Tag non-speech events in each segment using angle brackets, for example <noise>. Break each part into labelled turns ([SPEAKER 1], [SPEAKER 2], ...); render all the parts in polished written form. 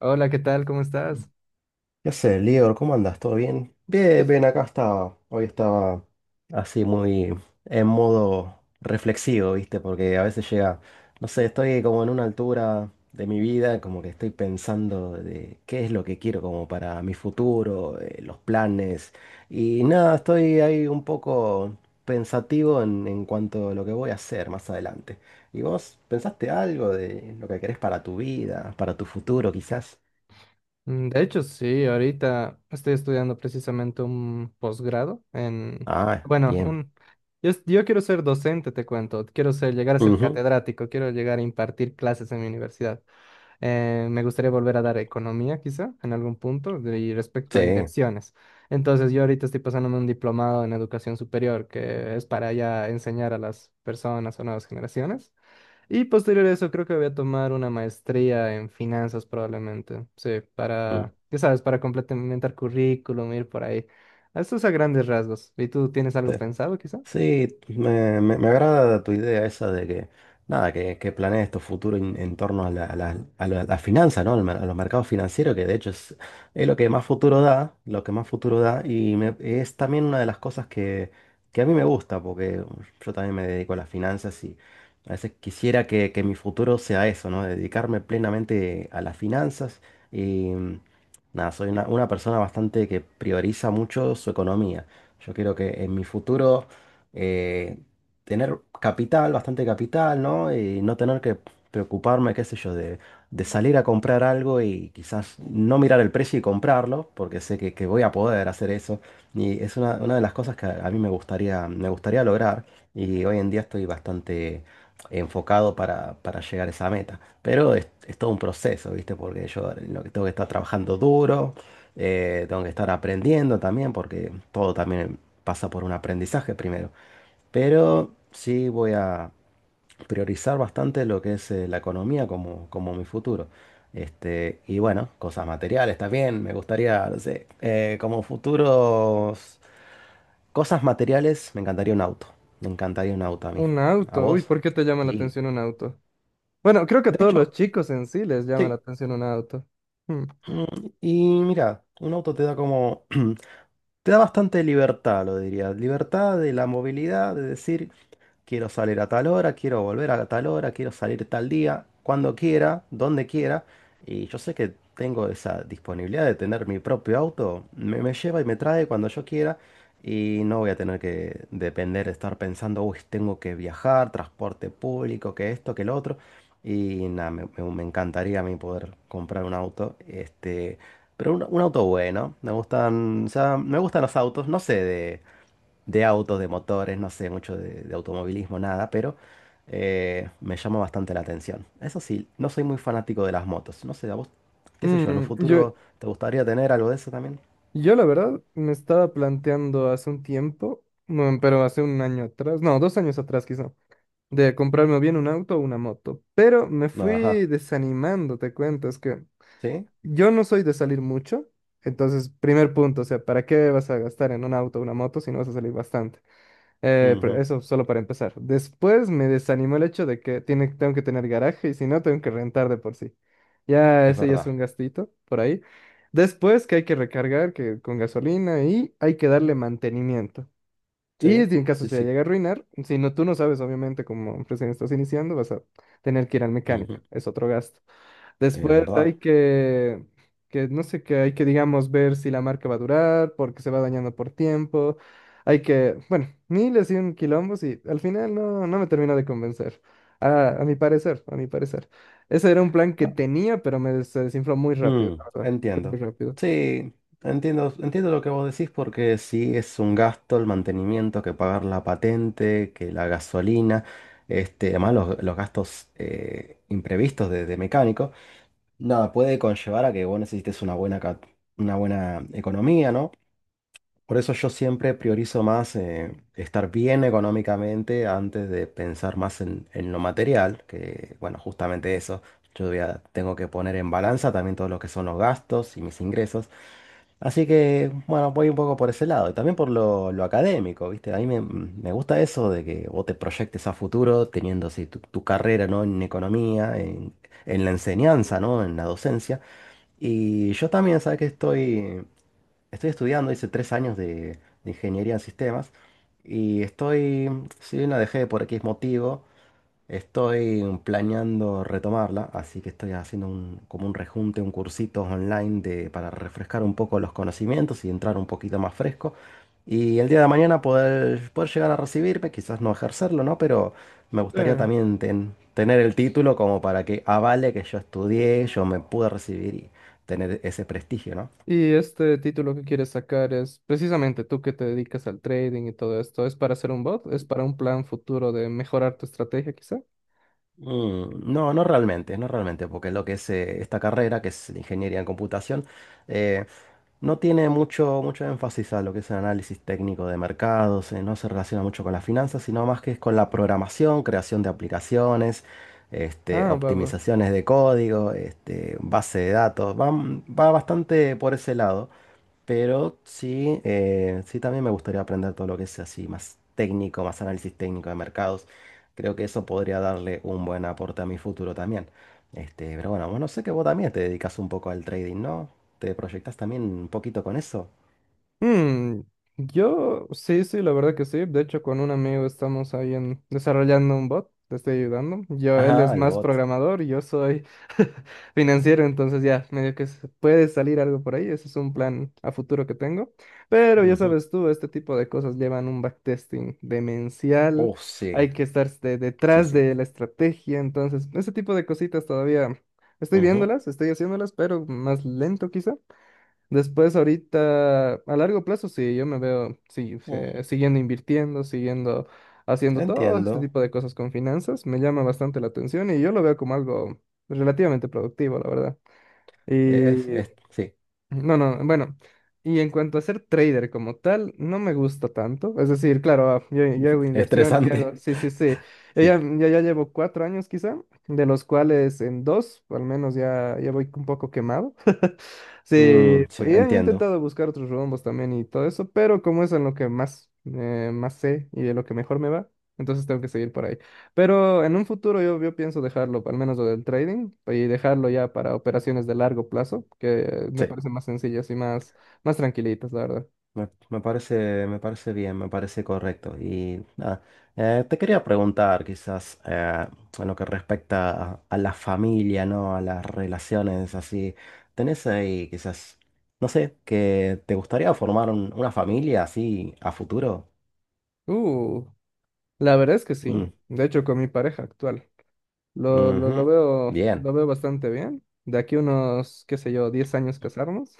[SPEAKER 1] Hola, ¿qué tal? ¿Cómo estás?
[SPEAKER 2] ¿Qué haces, Lior? ¿Cómo andas? ¿Todo bien? Bien, bien, acá estaba. Hoy estaba así muy en modo reflexivo, ¿viste? Porque a veces llega, no sé, estoy como en una altura de mi vida, como que estoy pensando de qué es lo que quiero como para mi futuro, los planes. Y nada, estoy ahí un poco pensativo en cuanto a lo que voy a hacer más adelante. ¿Y vos pensaste algo de lo que querés para tu vida, para tu futuro quizás?
[SPEAKER 1] Mm, de hecho, sí, ahorita estoy estudiando precisamente un posgrado en,
[SPEAKER 2] Ah,
[SPEAKER 1] bueno,
[SPEAKER 2] bien.
[SPEAKER 1] yo quiero ser docente, te cuento, llegar a ser
[SPEAKER 2] Ujú.
[SPEAKER 1] catedrático, quiero llegar a impartir clases en mi universidad. Me gustaría volver a dar economía, quizá, en algún punto, y respecto
[SPEAKER 2] Sí,
[SPEAKER 1] a inversiones. Entonces, yo ahorita estoy pasándome un diplomado en educación superior, que es para ya enseñar a las personas o nuevas generaciones. Y posterior a eso, creo que voy a tomar una maestría en finanzas probablemente. Sí,
[SPEAKER 2] mm,
[SPEAKER 1] para, ya sabes, para complementar currículum, ir por ahí. Esto es a grandes rasgos. ¿Y tú tienes
[SPEAKER 2] sí.
[SPEAKER 1] algo pensado, quizá?
[SPEAKER 2] Sí, me agrada tu idea esa de nada, que planees tu futuro en torno a la finanza, ¿no? A los mercados financieros, que de hecho es lo que más futuro da, lo que más futuro da, es también una de las cosas que a mí me gusta, porque yo también me dedico a las finanzas y a veces quisiera que mi futuro sea eso, ¿no? Dedicarme plenamente a las finanzas y, nada, soy una persona bastante que prioriza mucho su economía. Yo quiero que en mi futuro eh, tener capital, bastante capital, ¿no? Y no tener que preocuparme, qué sé yo, de salir a comprar algo y quizás no mirar el precio y comprarlo, porque sé que voy a poder hacer eso. Y es una de las cosas que a mí me gustaría lograr. Y hoy en día estoy bastante enfocado para llegar a esa meta. Pero es todo un proceso, ¿viste? Porque yo lo que tengo que estar trabajando duro, tengo que estar aprendiendo también, porque todo también pasa por un aprendizaje primero. Pero sí voy a priorizar bastante lo que es la economía como, como mi futuro. Este, y bueno, cosas materiales también. Me gustaría, no sé, como futuros cosas materiales, me encantaría un auto. Me encantaría un auto a mí.
[SPEAKER 1] Un
[SPEAKER 2] ¿A
[SPEAKER 1] auto. Uy,
[SPEAKER 2] vos?
[SPEAKER 1] ¿por qué te llama la
[SPEAKER 2] Y
[SPEAKER 1] atención un auto? Bueno, creo que a
[SPEAKER 2] de
[SPEAKER 1] todos los
[SPEAKER 2] hecho,
[SPEAKER 1] chicos en sí les llama la
[SPEAKER 2] sí.
[SPEAKER 1] atención un auto. Hmm.
[SPEAKER 2] Mm, Y mira, un auto te da como, <clears throat> te da bastante libertad, lo diría. Libertad de la movilidad, de decir. Quiero salir a tal hora, quiero volver a tal hora, quiero salir tal día, cuando quiera, donde quiera. Y yo sé que tengo esa disponibilidad de tener mi propio auto. Me lleva y me trae cuando yo quiera. Y no voy a tener que depender de estar pensando, uy, tengo que viajar, transporte público, que esto, que lo otro. Y nada, me encantaría a mí poder comprar un auto. Este, pero un auto bueno. Me gustan, o sea, me gustan los autos. No sé de autos, de motores, no sé mucho de automovilismo, nada, pero me llama bastante la atención. Eso sí, no soy muy fanático de las motos. No sé, a vos, qué sé yo, en un
[SPEAKER 1] Mm, yo,
[SPEAKER 2] futuro te gustaría tener algo de eso también.
[SPEAKER 1] yo la verdad me estaba planteando hace un tiempo, bueno, pero hace un año atrás, no, 2 años atrás quizá, de comprarme o bien un auto o una moto. Pero me fui
[SPEAKER 2] Ajá,
[SPEAKER 1] desanimando, te cuento, es que
[SPEAKER 2] sí,
[SPEAKER 1] yo no soy de salir mucho. Entonces, primer punto, o sea, ¿para qué vas a gastar en un auto o una moto si no vas a salir bastante? Pero
[SPEAKER 2] ujú.
[SPEAKER 1] eso solo para empezar. Después me desanimó el hecho de que tengo que tener garaje y si no, tengo que rentar de por sí. Ya
[SPEAKER 2] Es
[SPEAKER 1] ese ya es
[SPEAKER 2] verdad.
[SPEAKER 1] un gastito por ahí. Después que hay que recargar que con gasolina y hay que darle mantenimiento. Y
[SPEAKER 2] Sí,
[SPEAKER 1] si en caso
[SPEAKER 2] sí,
[SPEAKER 1] se
[SPEAKER 2] sí,
[SPEAKER 1] llega a arruinar, si no, tú no sabes, obviamente, como recién estás iniciando, vas a tener que ir al mecánico.
[SPEAKER 2] ujú.
[SPEAKER 1] Es otro gasto.
[SPEAKER 2] Es
[SPEAKER 1] Después
[SPEAKER 2] verdad.
[SPEAKER 1] hay que no sé qué, hay que, digamos, ver si la marca va a durar, porque se va dañando por tiempo. Hay que, bueno, miles y un quilombos y al final no, no me terminó de convencer. A mi parecer, a mi parecer. Ese era un plan que tenía, pero se desinfló muy rápido,
[SPEAKER 2] Mm,
[SPEAKER 1] la verdad. Muy
[SPEAKER 2] entiendo.
[SPEAKER 1] rápido.
[SPEAKER 2] Sí, entiendo, entiendo lo que vos decís porque sí es un gasto el mantenimiento, que pagar la patente, que la gasolina, este, además los gastos imprevistos de mecánico. Nada, puede conllevar a que vos necesites una buena, una buena economía, ¿no? Por eso yo siempre priorizo más, estar bien económicamente antes de pensar más en lo material, que bueno, justamente eso, tengo que poner en balanza también todo lo que son los gastos y mis ingresos. Así que bueno, voy un poco por ese lado y también por lo académico, ¿viste? A mí me gusta eso de que vos te proyectes a futuro teniendo así tu carrera, ¿no? En economía, en la enseñanza, ¿no? En la docencia. Y yo también, ¿sabes que estoy? Estoy estudiando, hice 3 años de ingeniería en sistemas y estoy, si bien la dejé por X motivo, estoy planeando retomarla, así que estoy haciendo un, como un rejunte, un cursito online de, para refrescar un poco los conocimientos y entrar un poquito más fresco. Y el día de mañana poder llegar a recibirme, quizás no ejercerlo, ¿no? Pero me
[SPEAKER 1] Sí.
[SPEAKER 2] gustaría también tener el título como para que avale que yo estudié, yo me pude recibir y tener ese prestigio, ¿no?
[SPEAKER 1] ¿Y este título que quieres sacar es precisamente tú que te dedicas al trading y todo esto? ¿Es para hacer un bot? ¿Es para un plan futuro de mejorar tu estrategia quizá?
[SPEAKER 2] Mm, no, no realmente, no realmente, porque lo que es, esta carrera, que es la ingeniería en computación, eh, no tiene mucho, mucho énfasis a lo que es el análisis técnico de mercados, no se relaciona mucho con las finanzas, sino más que es con la programación, creación de aplicaciones, este,
[SPEAKER 1] Ah, va, va.
[SPEAKER 2] optimizaciones de código, este, base de datos, va, va bastante por ese lado. Pero sí, sí también me gustaría aprender todo lo que es así, más técnico, más análisis técnico de mercados. Creo que eso podría darle un buen aporte a mi futuro también. Este, pero bueno, bueno, sé que vos también te dedicas un poco al trading, ¿no? ¿Te proyectas también un poquito con eso?
[SPEAKER 1] Hmm, yo sí, sí, la verdad que sí. De hecho, con un amigo estamos ahí en, desarrollando un bot, te estoy ayudando. Yo, él es
[SPEAKER 2] Ajá, el
[SPEAKER 1] más
[SPEAKER 2] bot.
[SPEAKER 1] programador y yo soy <laughs> financiero, entonces ya, medio que puede salir algo por ahí. Ese es un plan a futuro que tengo. Pero ya
[SPEAKER 2] Ujú.
[SPEAKER 1] sabes tú, este tipo de cosas llevan un backtesting demencial.
[SPEAKER 2] Oh, sí,
[SPEAKER 1] Hay que estar
[SPEAKER 2] sí,
[SPEAKER 1] detrás
[SPEAKER 2] sí.
[SPEAKER 1] de la estrategia. Entonces, ese tipo de cositas todavía estoy
[SPEAKER 2] Ujú.
[SPEAKER 1] viéndolas, estoy haciéndolas, pero más lento quizá. Después, ahorita, a largo plazo, sí, yo me veo sí, sí,
[SPEAKER 2] Mm,
[SPEAKER 1] siguiendo invirtiendo, siguiendo haciendo todo este
[SPEAKER 2] entiendo.
[SPEAKER 1] tipo de cosas con finanzas. Me llama bastante la atención y yo lo veo como algo relativamente productivo, la verdad. Y
[SPEAKER 2] Es, sí,
[SPEAKER 1] no, no, bueno. Y en cuanto a ser trader como tal, no me gusta tanto. Es decir, claro, yo hago inversión, yo hago,
[SPEAKER 2] estresante.
[SPEAKER 1] sí,
[SPEAKER 2] <laughs>
[SPEAKER 1] sí, sí. Yo ya,
[SPEAKER 2] Sí,
[SPEAKER 1] yo ya llevo 4 años quizá, de los cuales en dos, al menos ya, ya voy un poco quemado. Sí, y
[SPEAKER 2] mm, sí,
[SPEAKER 1] he
[SPEAKER 2] entiendo.
[SPEAKER 1] intentado buscar otros rombos también y todo eso, pero como es en lo que más, más sé y de lo que mejor me va, entonces tengo que seguir por ahí. Pero en un futuro yo, yo pienso dejarlo, al menos lo del trading, y dejarlo ya para operaciones de largo plazo, que me
[SPEAKER 2] Sí.
[SPEAKER 1] parecen más sencillas y más, más tranquilitas, la verdad.
[SPEAKER 2] Me, me parece bien, me parece correcto. Y nada, te quería preguntar quizás, en lo que respecta a la familia, ¿no? A las relaciones así. ¿Tenés ahí quizás, no sé, que te gustaría formar una familia así a futuro?
[SPEAKER 1] Uh, la verdad es que sí.
[SPEAKER 2] Mm,
[SPEAKER 1] De hecho, con mi pareja actual,
[SPEAKER 2] ujú. Bien,
[SPEAKER 1] lo veo bastante bien. De aquí unos, qué sé yo, 10 años casarnos.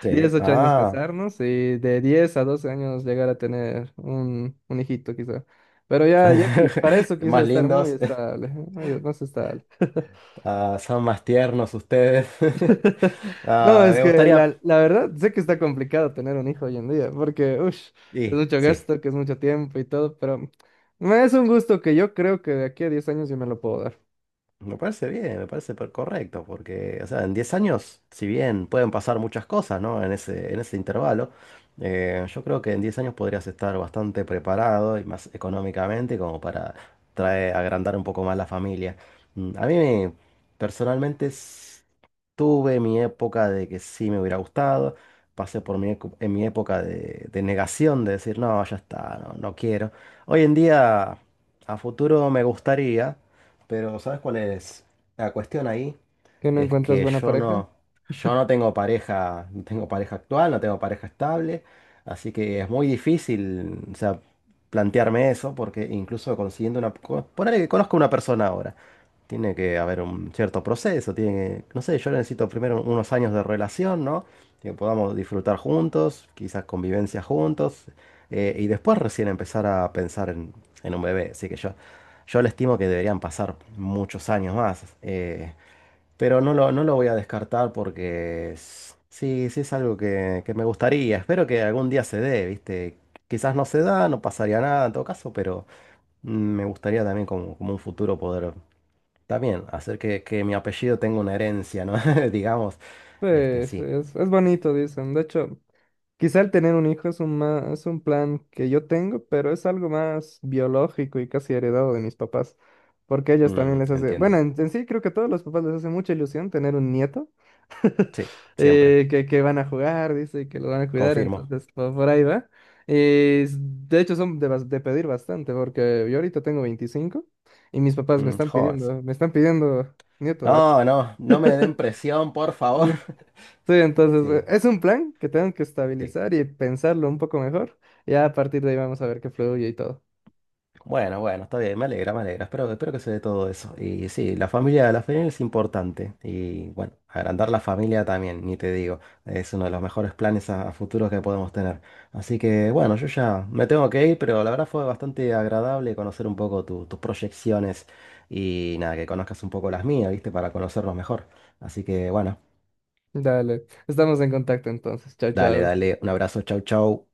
[SPEAKER 2] sí.
[SPEAKER 1] 10 8 años
[SPEAKER 2] Ah,
[SPEAKER 1] casarnos y de 10 a 12 años llegar a tener un hijito quizá. Pero para
[SPEAKER 2] <laughs>
[SPEAKER 1] eso quiso
[SPEAKER 2] más
[SPEAKER 1] estar muy
[SPEAKER 2] lindos,
[SPEAKER 1] estable, más estable.
[SPEAKER 2] <laughs> ah, son más tiernos ustedes. <laughs>
[SPEAKER 1] <laughs> No,
[SPEAKER 2] Ah,
[SPEAKER 1] es
[SPEAKER 2] me
[SPEAKER 1] que
[SPEAKER 2] gustaría...
[SPEAKER 1] la verdad sé que está complicado tener un hijo hoy en día, porque es
[SPEAKER 2] Sí,
[SPEAKER 1] mucho
[SPEAKER 2] sí.
[SPEAKER 1] gasto, que es mucho tiempo y todo, pero es un gusto que yo creo que de aquí a 10 años yo me lo puedo dar.
[SPEAKER 2] Me parece bien, correcto, porque, o sea, en 10 años, si bien pueden pasar muchas cosas, ¿no? En ese intervalo, yo creo que en 10 años podrías estar bastante preparado y más económicamente como para traer, agrandar un poco más la familia. Mm, personalmente, tuve mi época de que sí me hubiera gustado, pasé por mi, en mi época de negación, de decir, no, ya está, no, no quiero. Hoy en día, a futuro me gustaría. Pero ¿sabes cuál es la cuestión ahí?
[SPEAKER 1] ¿Que no
[SPEAKER 2] Es
[SPEAKER 1] encuentras
[SPEAKER 2] que
[SPEAKER 1] buena pareja?
[SPEAKER 2] yo no tengo pareja, no tengo pareja actual, no tengo pareja estable, así que es muy difícil, o sea, plantearme eso, porque incluso consiguiendo una, ponele que conozco a una persona ahora, tiene que haber un cierto proceso, tiene que, no sé, yo necesito primero unos años de relación, ¿no? Que podamos disfrutar juntos, quizás convivencia juntos, y después recién empezar a pensar en un bebé, así que yo le estimo que deberían pasar muchos años más, pero no lo voy a descartar porque sí, sí es algo que me gustaría. Espero que algún día se dé, ¿viste? Quizás no se da, no pasaría nada en todo caso, pero mm, me gustaría también como, como un futuro poder también hacer que mi apellido tenga una herencia, ¿no? <laughs> Digamos,
[SPEAKER 1] Sí,
[SPEAKER 2] este,
[SPEAKER 1] sí,
[SPEAKER 2] sí.
[SPEAKER 1] es bonito, dicen. De hecho, quizá el tener un hijo es un, es un plan que yo tengo, pero es algo más biológico y casi heredado de mis papás, porque a ellos también
[SPEAKER 2] Mm,
[SPEAKER 1] les hace, bueno,
[SPEAKER 2] entiendo.
[SPEAKER 1] en sí creo que a todos los papás les hace mucha ilusión tener un nieto,
[SPEAKER 2] Sí, siempre,
[SPEAKER 1] que van a jugar, dice, y que lo van a cuidar,
[SPEAKER 2] confirmo.
[SPEAKER 1] entonces por ahí va. De hecho son de, de pedir bastante, porque yo ahorita tengo 25 y mis papás
[SPEAKER 2] Mm, jodas.
[SPEAKER 1] me están pidiendo nieto, ¿verdad?
[SPEAKER 2] No, no, no me den presión, por favor. <laughs>
[SPEAKER 1] Sí, entonces
[SPEAKER 2] Sí.
[SPEAKER 1] es un plan que tengo que
[SPEAKER 2] Sí.
[SPEAKER 1] estabilizar y pensarlo un poco mejor. Ya a partir de ahí vamos a ver qué fluye y todo.
[SPEAKER 2] Bueno, bueno, está bien, me alegra, me alegra. Espero, espero que se dé todo eso. Y sí, la familia es importante. Y bueno, agrandar la familia también, ni te digo. Es uno de los mejores planes a futuro que podemos tener. Así que bueno, yo ya me tengo que ir, pero la verdad fue bastante agradable conocer un poco tus proyecciones y nada, que conozcas un poco las mías, ¿viste? Para conocernos mejor. Así que bueno,
[SPEAKER 1] Dale, estamos en contacto entonces. Chao,
[SPEAKER 2] dale,
[SPEAKER 1] chao.
[SPEAKER 2] dale, un abrazo, chau, chau.